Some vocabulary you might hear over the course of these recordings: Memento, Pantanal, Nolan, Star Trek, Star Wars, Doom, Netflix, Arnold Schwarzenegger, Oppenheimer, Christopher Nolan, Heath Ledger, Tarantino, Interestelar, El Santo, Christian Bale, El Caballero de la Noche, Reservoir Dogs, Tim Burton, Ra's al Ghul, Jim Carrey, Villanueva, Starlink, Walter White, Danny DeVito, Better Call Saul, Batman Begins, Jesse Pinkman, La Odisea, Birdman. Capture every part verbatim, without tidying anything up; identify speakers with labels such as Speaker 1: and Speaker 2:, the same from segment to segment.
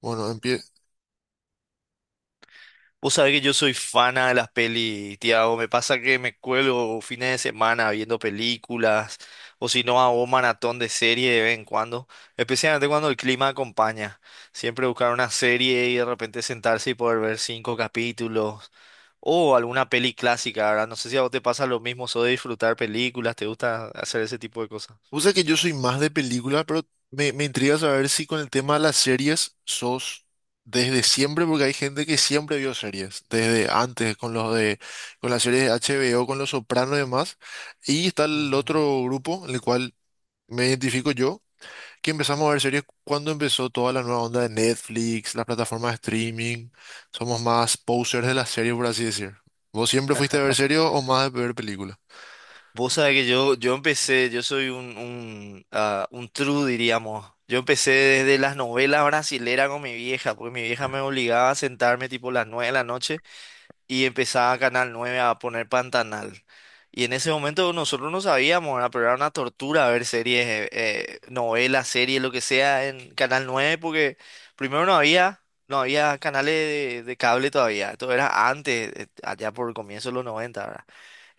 Speaker 1: Bueno, empie...
Speaker 2: Vos sabés que yo soy fana de las pelis, Tiago. Me pasa que me cuelgo fines de semana viendo películas, o si no, hago maratón de serie de vez en cuando, especialmente cuando el clima acompaña. Siempre buscar una serie y de repente sentarse y poder ver cinco capítulos, o alguna peli clásica, ¿verdad? No sé si a vos te pasa lo mismo, o de disfrutar películas, te gusta hacer ese tipo de cosas.
Speaker 1: Usa que yo soy más de película, pero me, me intriga saber si con el tema de las series sos desde siempre, porque hay gente que siempre vio series, desde antes, con los de, con las series de H B O, con Los Sopranos y demás. Y está el
Speaker 2: Ujú.
Speaker 1: otro grupo, en el cual me identifico yo, que empezamos a ver series cuando empezó toda la nueva onda de Netflix, las plataformas de streaming. Somos más posers de las series, por así decir. ¿Vos siempre fuiste a ver series o más de ver películas?
Speaker 2: Vos sabés que yo, yo empecé, yo soy un, un, ah, un true, diríamos. Yo empecé desde las novelas brasileras con mi vieja, porque mi vieja me obligaba a sentarme tipo las nueve de la noche y empezaba Canal nueve a poner Pantanal. Y en ese momento nosotros no sabíamos, ¿verdad? Pero era una tortura ver series, eh, eh, novelas, series, lo que sea en Canal nueve porque primero no había, no había canales de, de cable todavía. Esto era antes, eh, allá por el comienzo de los noventa,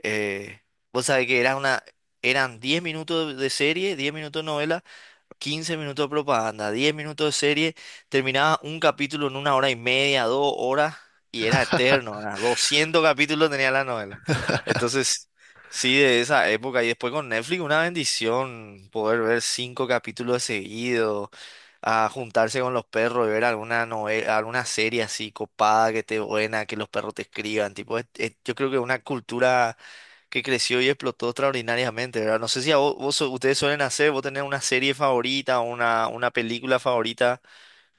Speaker 2: eh, vos sabés que era una, eran diez minutos de serie, diez minutos de novela, quince minutos de propaganda, diez minutos de serie. Terminaba un capítulo en una hora y media, dos horas, y era eterno, era doscientos capítulos tenía la novela. Entonces, sí, de esa época, y después con Netflix, una bendición poder ver cinco capítulos seguidos, a juntarse con los perros y ver alguna novela, alguna serie así copada, que esté buena, que los perros te escriban, tipo, es- es- yo creo que una cultura que creció y explotó extraordinariamente, ¿verdad? No sé si a vos, vos su- ustedes suelen hacer, vos tenés una serie favorita, una, una película favorita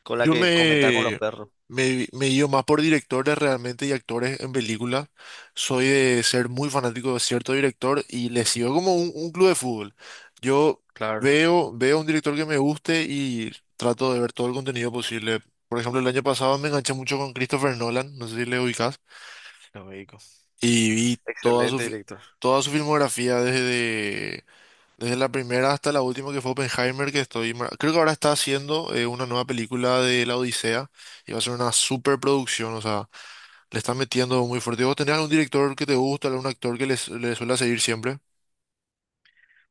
Speaker 2: con la
Speaker 1: Yo
Speaker 2: que comentás con los
Speaker 1: me,
Speaker 2: perros.
Speaker 1: me, me guío más por directores realmente y actores en películas. Soy
Speaker 2: Ujú,
Speaker 1: de ser muy fanático de cierto director y le sigo como un, un club de fútbol. Yo
Speaker 2: claro,
Speaker 1: veo, veo un director que me guste y trato de ver todo el contenido posible. Por ejemplo, el año pasado me enganché mucho con Christopher Nolan, no sé si le ubicas,
Speaker 2: lógico.
Speaker 1: y vi toda su,
Speaker 2: Excelente
Speaker 1: fi-
Speaker 2: director.
Speaker 1: toda su filmografía desde la primera hasta la última que fue Oppenheimer, que estoy. mar- Creo que ahora está haciendo eh, una nueva película de La Odisea y va a ser una superproducción, o sea, le están metiendo muy fuerte. ¿Vos tenés algún director que te gusta, algún actor que les, le suele seguir siempre?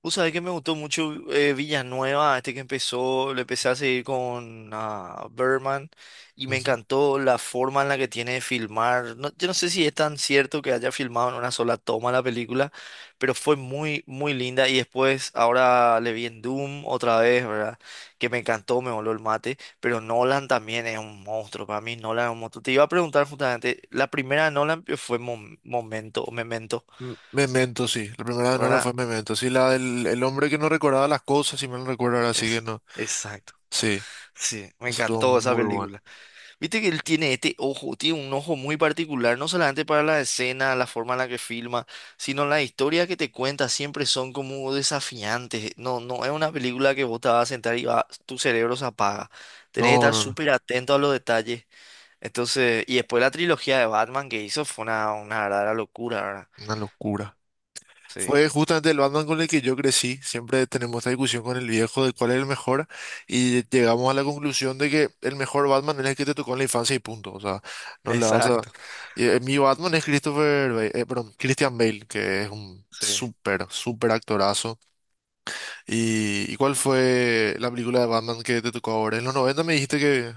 Speaker 2: Vos sabés que me gustó mucho, eh, Villanueva, este que empezó, le empecé a seguir con, ah, Birdman, y me
Speaker 1: Ujú.
Speaker 2: encantó la forma en la que tiene de filmar. No- yo no sé si es tan cierto que haya filmado en una sola toma la película, pero fue muy, muy linda. Y después, ahora le vi en Doom otra vez, ¿verdad? Que me encantó, me voló el mate. Pero Nolan también es un monstruo, para mí Nolan es un monstruo. Te iba a preguntar justamente, la primera de Nolan fue Mom- Momento, o Memento,
Speaker 1: M- Memento, sí. La primera de Nolan fue
Speaker 2: ¿verdad?
Speaker 1: Memento. Sí, la del el hombre que no recordaba las cosas, si mal no recuerdo ahora, sí que
Speaker 2: Es,
Speaker 1: no.
Speaker 2: exacto.
Speaker 1: Sí,
Speaker 2: Sí, me
Speaker 1: esa estuvo
Speaker 2: encantó esa
Speaker 1: muy buena.
Speaker 2: película. Viste que él tiene este ojo, tiene un ojo muy particular, no solamente para la escena, la forma en la que filma, sino las historias que te cuenta siempre son como desafiantes. No, no es una película que vos te vas a sentar y va- tu cerebro se apaga. Tenés que
Speaker 1: No,
Speaker 2: estar
Speaker 1: no, no.
Speaker 2: súper atento a los detalles. Entonces, y después la trilogía de Batman que hizo fue una, una verdadera locura, ¿verdad?
Speaker 1: Una locura.
Speaker 2: Sí,
Speaker 1: Fue justamente el Batman con el que yo crecí. Siempre tenemos esta discusión con el viejo de cuál es el mejor y llegamos a la conclusión de que el mejor Batman es el que te tocó en la infancia y punto. O sea, no le vas a...
Speaker 2: exacto.
Speaker 1: eh, Mi Batman es Christopher Bale, eh, perdón, Christian Bale, que es un
Speaker 2: Sí.
Speaker 1: súper, súper actorazo. ¿Y, ¿y cuál fue la película de Batman que te tocó ahora? En los noventa me dijiste que,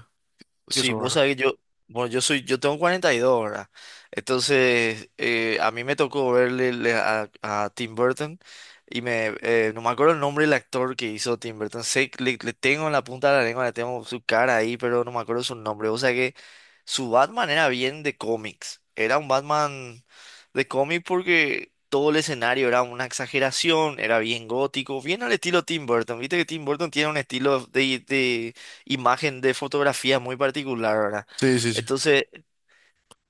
Speaker 1: que
Speaker 2: Sí,
Speaker 1: eso,
Speaker 2: vos
Speaker 1: ¿verdad?
Speaker 2: sabés, yo, bueno, yo soy, yo tengo cuarenta y dos ahora. Entonces, eh, a mí me tocó verle le- a, a Tim Burton, y me, eh, no me acuerdo el nombre del actor que hizo Tim Burton. Sé que le, le tengo en la punta de la lengua, le tengo su cara ahí, pero no me acuerdo su nombre. O sea que su Batman era bien de cómics. Era un Batman de cómic porque todo el escenario era una exageración, era bien gótico, bien al estilo Tim Burton. Viste que Tim Burton tiene un estilo de, de imagen de fotografía muy particular, ¿verdad?
Speaker 1: Sí, sí, sí.
Speaker 2: Entonces,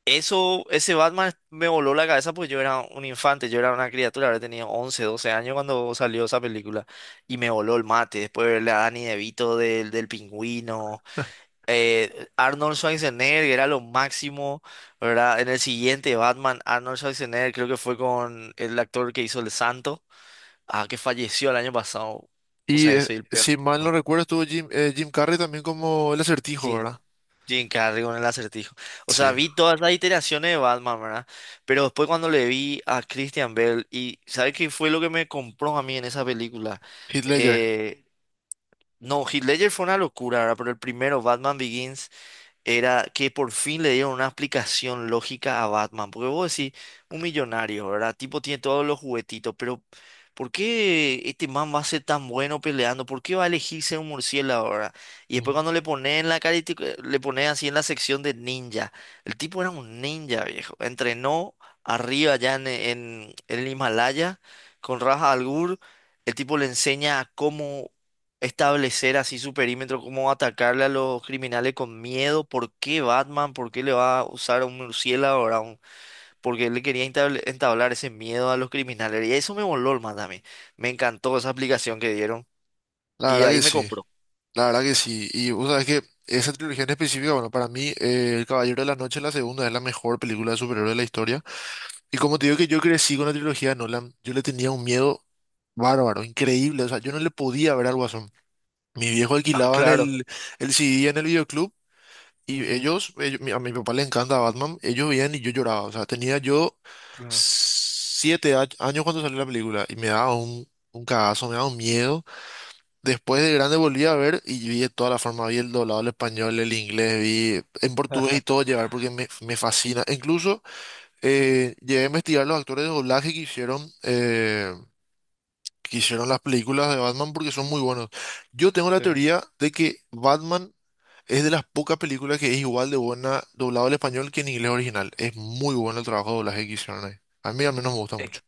Speaker 2: eso, ese Batman me voló la cabeza porque yo era un infante, yo era una criatura. Ahora tenía once, doce años cuando salió esa película y me voló el mate. Después de verle a Danny DeVito del, del Pingüino, eh, Arnold Schwarzenegger era lo máximo, ¿verdad? En el siguiente Batman, Arnold Schwarzenegger creo que fue con el actor que hizo El Santo, ah, que falleció el año pasado. O
Speaker 1: Y
Speaker 2: sea,
Speaker 1: eh,
Speaker 2: soy el peor,
Speaker 1: si mal no
Speaker 2: ¿no?
Speaker 1: recuerdo, estuvo Jim, eh, Jim Carrey también como el acertijo,
Speaker 2: Sí.
Speaker 1: ¿verdad?
Speaker 2: Jim Carrey con el acertijo. O sea,
Speaker 1: Sí.
Speaker 2: vi todas las iteraciones de Batman, ¿verdad? Pero después cuando le vi a Christian Bale, ¿y sabes qué fue lo que me compró a mí en esa película?
Speaker 1: Heath Ledger.
Speaker 2: Eh, no, Heath Ledger fue una locura, ¿verdad? Pero el primero, Batman Begins, era que por fin le dieron una explicación lógica a Batman. Porque vos decís, un millonario, ¿verdad? Tipo tiene todos los juguetitos, pero ¿por qué este man va a ser tan bueno peleando? ¿Por qué va a elegirse un murciélago, ¿verdad? Y después cuando le ponen en la cara, le ponen así en la sección de ninja. El tipo era un ninja, viejo. Entrenó arriba allá en, en, en el Himalaya con Raja al Ghul. El tipo le enseña cómo establecer así su perímetro, cómo atacarle a los criminales con miedo. ¿Por qué Batman? ¿Por qué le va a usar a un murciélago? ¿Ahora? Un... Porque él le quería entabl- entablar ese miedo a los criminales. Y eso me voló el más a mí. Me encantó esa aplicación que dieron.
Speaker 1: La
Speaker 2: Y
Speaker 1: verdad que
Speaker 2: ahí me
Speaker 1: sí,
Speaker 2: compró.
Speaker 1: la verdad que sí. Y vos sabés que esa trilogía en específica, bueno, para mí, eh, El Caballero de la Noche, la segunda, es la mejor película de superhéroes de la historia. Y como te digo que yo crecí con la trilogía de Nolan, yo le tenía un miedo bárbaro, increíble. O sea, yo no le podía ver al Guasón. Mi viejo
Speaker 2: Ah,
Speaker 1: alquilaban
Speaker 2: claro.
Speaker 1: el, el C D en el videoclub y
Speaker 2: Ujú,
Speaker 1: ellos, ellos- mi- a mi papá le encanta Batman, ellos veían y yo lloraba. O sea, tenía yo
Speaker 2: claro.
Speaker 1: siete a- años cuando salió la película y me daba un, un cagazo, me daba un miedo. Después de grande volví a ver y vi de toda la forma, vi el doblado al español, el inglés, vi en portugués y todo llevar porque me, me fascina. E Incluso eh, llegué a investigar los actores de doblaje que hicieron, eh, que hicieron las películas de Batman porque son muy buenos. Yo tengo la
Speaker 2: Sí.
Speaker 1: teoría de que Batman es de las pocas películas que es igual de buena doblado al español que en inglés original. Es muy bueno el trabajo de doblaje que hicieron ahí. A mí al menos me gusta mucho.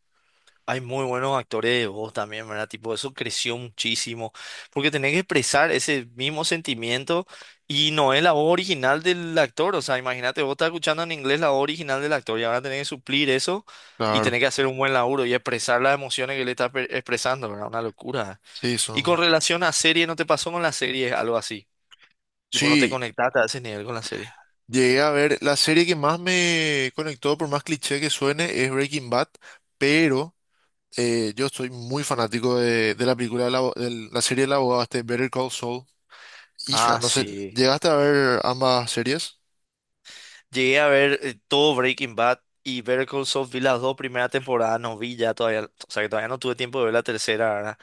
Speaker 2: Hay muy buenos actores de voz también, ¿verdad? Tipo, eso creció muchísimo. Porque tenés que expresar ese mismo sentimiento y no es la voz original del actor. O sea, imagínate, vos estás escuchando en inglés la voz original del actor y ahora tenés que suplir eso y
Speaker 1: Claro,
Speaker 2: tenés que hacer un buen laburo y expresar las emociones que le estás pe- expresando, ¿verdad? Una locura.
Speaker 1: sí,
Speaker 2: Y
Speaker 1: son...
Speaker 2: con relación a serie, ¿no te pasó con la serie algo así? Tipo, no te
Speaker 1: Sí,
Speaker 2: conectaste a ese nivel con la serie.
Speaker 1: llegué a ver, la serie que más me conectó, por más cliché que suene, es Breaking Bad, pero eh, yo soy muy fanático de, de la película, del abo- del- la, serie del abogado, este Better Call Saul. Hija,
Speaker 2: Ah,
Speaker 1: no sé,
Speaker 2: sí.
Speaker 1: ¿llegaste a ver ambas series?
Speaker 2: Llegué a ver, eh, todo Breaking Bad, y Better Call Saul vi las dos primeras temporadas, no vi ya todavía, o sea que todavía no tuve tiempo de ver la tercera, ¿verdad?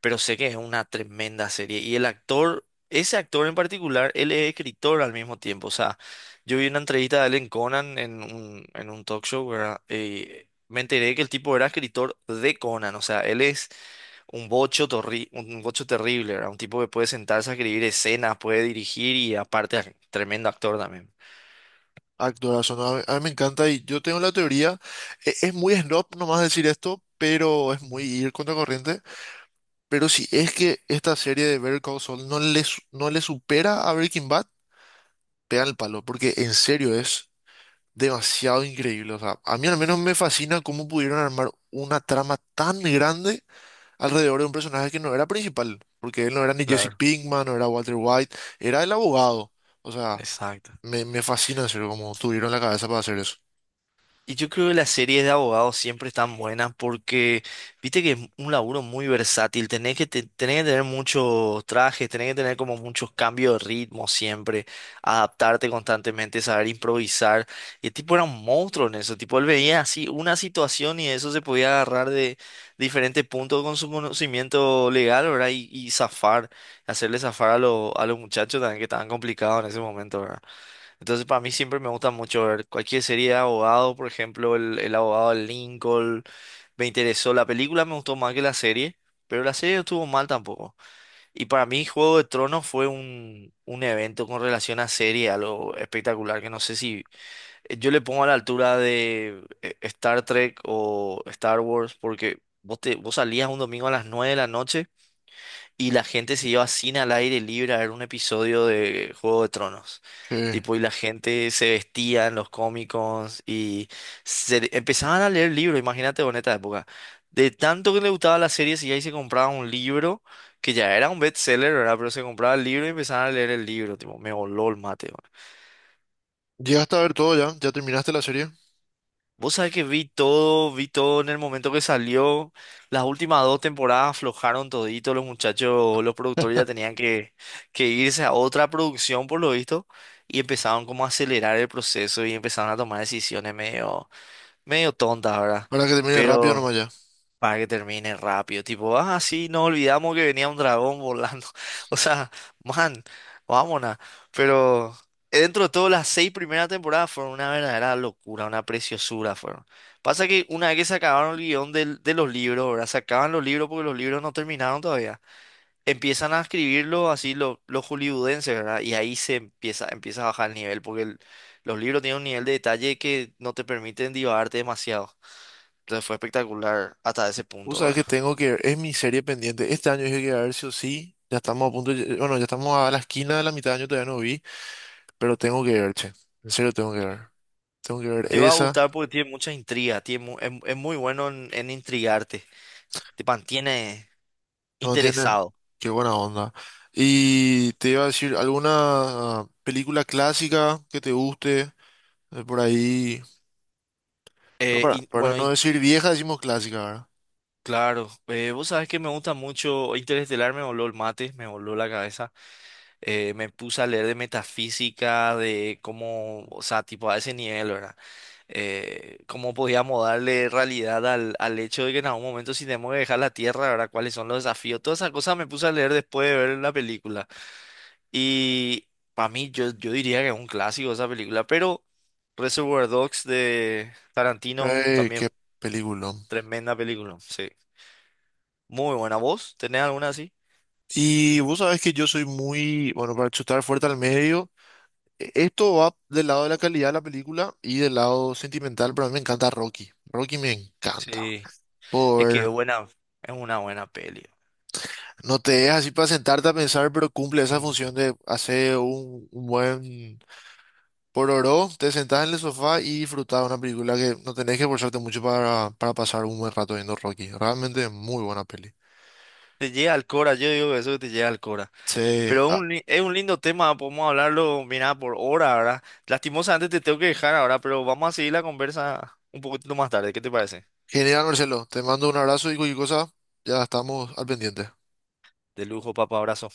Speaker 2: Pero sé que es una tremenda serie. Y el actor, ese actor en particular, él es escritor al mismo tiempo. O sea, yo vi una entrevista de él en Conan, en un, en un talk show, ¿verdad? Eh, me enteré que el tipo era escritor de Conan, o sea, él es un bocho, torri- un bocho terrible, ¿verdad? Un tipo que puede sentarse a escribir escenas, puede dirigir y aparte tremendo actor también.
Speaker 1: Actoras, son, a mí, a mí me encanta y yo tengo la teoría, e- es muy snob nomás decir esto, pero es muy ir contra corriente, pero si es que esta serie de Better Call Saul no le, su- no le supera a Breaking Bad, pegan el palo, porque en serio es demasiado increíble. O sea, a mí al menos me fascina cómo pudieron armar una trama tan grande alrededor de un personaje que no era principal, porque él no era ni Jesse
Speaker 2: Claro.
Speaker 1: Pinkman, no era Walter White, era el abogado. O sea,
Speaker 2: Exacto.
Speaker 1: me, me fascina en serio cómo tuvieron la cabeza para hacer eso.
Speaker 2: Y yo creo que las series de abogados siempre están buenas porque viste que es un laburo muy versátil. Tenés que, te- tenés que tener muchos trajes, tenés que tener como muchos cambios de ritmo siempre, adaptarte constantemente, saber improvisar. Y el tipo era un monstruo en eso. Tipo, él veía así una situación y eso se podía agarrar de diferentes puntos con su conocimiento legal, ¿verdad? Y, y zafar, hacerle zafar a, lo- a los muchachos también que estaban complicados en ese momento, ¿verdad? Entonces, para mí siempre me gusta mucho ver cualquier serie de abogado, por ejemplo, el, el abogado de Lincoln. Me interesó. La película me gustó más que la serie, pero la serie no estuvo mal tampoco. Y para mí, Juego de Tronos fue un, un evento con relación a serie, algo espectacular. Que no sé si, eh, yo le pongo a la altura de, eh, Star Trek o Star Wars, porque vos, te, vos salías un domingo a las nueve de la noche y la gente se iba a cine al aire libre a ver un episodio de Juego de Tronos.
Speaker 1: Sí.
Speaker 2: Tipo, y la gente se vestía en los cómicos y se, empezaban a leer libros, imagínate, en esta época. De tanto que le gustaba la serie, si ahí se compraba un libro, que ya era un bestseller, ¿verdad? Pero se compraba el libro y empezaban a leer el libro, tipo, me voló el mate.
Speaker 1: Llegaste a ver todo ya, ya terminaste la serie.
Speaker 2: Vos sabés que vi todo, vi todo en el momento que salió. Las últimas dos temporadas aflojaron todito. Los muchachos, los productores ya tenían que, que irse a otra producción por lo visto y empezaron como a acelerar el proceso y empezaron a tomar decisiones medio, medio tontas, ¿verdad?
Speaker 1: Para que termine rápido
Speaker 2: Pero
Speaker 1: nomás ya.
Speaker 2: para que termine rápido. Tipo, ah, sí, nos olvidamos que venía un dragón volando. O sea, man, vámonos. Pero, eh, dentro de todo, las seis primeras temporadas fueron una verdadera locura, una preciosura fueron. Pasa que una vez que se acabaron el guión del- de los libros, verdad, se acaban los libros porque los libros no terminaron todavía. Empiezan a escribirlo así lo- los hollywoodenses, ¿verdad? Y ahí se empieza, empieza a bajar el nivel porque el- los libros tienen un nivel de detalle que no te permiten divagarte demasiado. Entonces fue espectacular hasta ese
Speaker 1: Vos
Speaker 2: punto,
Speaker 1: sabés
Speaker 2: ¿verdad?
Speaker 1: que tengo que ver, es mi serie pendiente. Este año dije que iba a ver sí o sí. Ya estamos a punto, de- bueno, ya estamos a la esquina de la mitad de año, todavía no vi, pero tengo que ver, che. En serio tengo que ver. Tengo que ver
Speaker 2: Te va a
Speaker 1: esa.
Speaker 2: gustar porque tiene muchas intrigas, tiene mu- es, es muy bueno en, en intrigarte, te mantiene
Speaker 1: No tiene.
Speaker 2: interesado.
Speaker 1: Qué buena onda. Y te iba a decir, ¿alguna película clásica que te guste? Eh, por ahí. No,
Speaker 2: Eh,
Speaker 1: para,
Speaker 2: y,
Speaker 1: para
Speaker 2: bueno,
Speaker 1: no
Speaker 2: y
Speaker 1: decir vieja, decimos clásica, ¿verdad?
Speaker 2: claro, eh, vos sabés que me gusta mucho Interestelar, me voló el mate, me voló la cabeza. Eh, me puse a leer de metafísica, de cómo, o sea, tipo a ese nivel, ¿verdad? Eh, cómo podíamos darle realidad al, al hecho de que en algún momento si tenemos que dejar la Tierra, ¿verdad? ¿Cuáles son los desafíos? Todas esas cosas me puse a leer después de ver la película. Y para mí, yo, yo diría que es un clásico esa película, pero Reservoir Dogs de Tarantino
Speaker 1: Eh,
Speaker 2: también,
Speaker 1: qué película.
Speaker 2: tremenda película, sí. Muy buena voz, ¿tenés alguna así?
Speaker 1: Y vos sabés que yo soy muy, bueno, para chutar fuerte al medio. e- Esto va del lado de la calidad de la película y del lado sentimental, pero a mí me encanta Rocky. Rocky me encanta.
Speaker 2: Sí, es que es
Speaker 1: Por,
Speaker 2: buena, es una buena peli.
Speaker 1: no te dejas así para sentarte a pensar, pero cumple esa
Speaker 2: Mm.
Speaker 1: función de hacer un un buen Por oro, te sentás en el sofá y disfrutás de una película que no tenés que esforzarte mucho para, para pasar un buen rato viendo Rocky. Realmente es muy buena peli.
Speaker 2: Te llega al cora, yo digo que eso que te llega al cora.
Speaker 1: Sí,
Speaker 2: Pero es
Speaker 1: ah,
Speaker 2: un, li- es un lindo tema, podemos hablarlo, mira, por hora, ¿verdad? Lastimosamente te tengo que dejar ahora, pero vamos a seguir la conversa un poquito más tarde, ¿qué te parece?
Speaker 1: genial Marcelo, te mando un abrazo y cualquier cosa, ya estamos al pendiente.
Speaker 2: De lujo, papá, abrazo.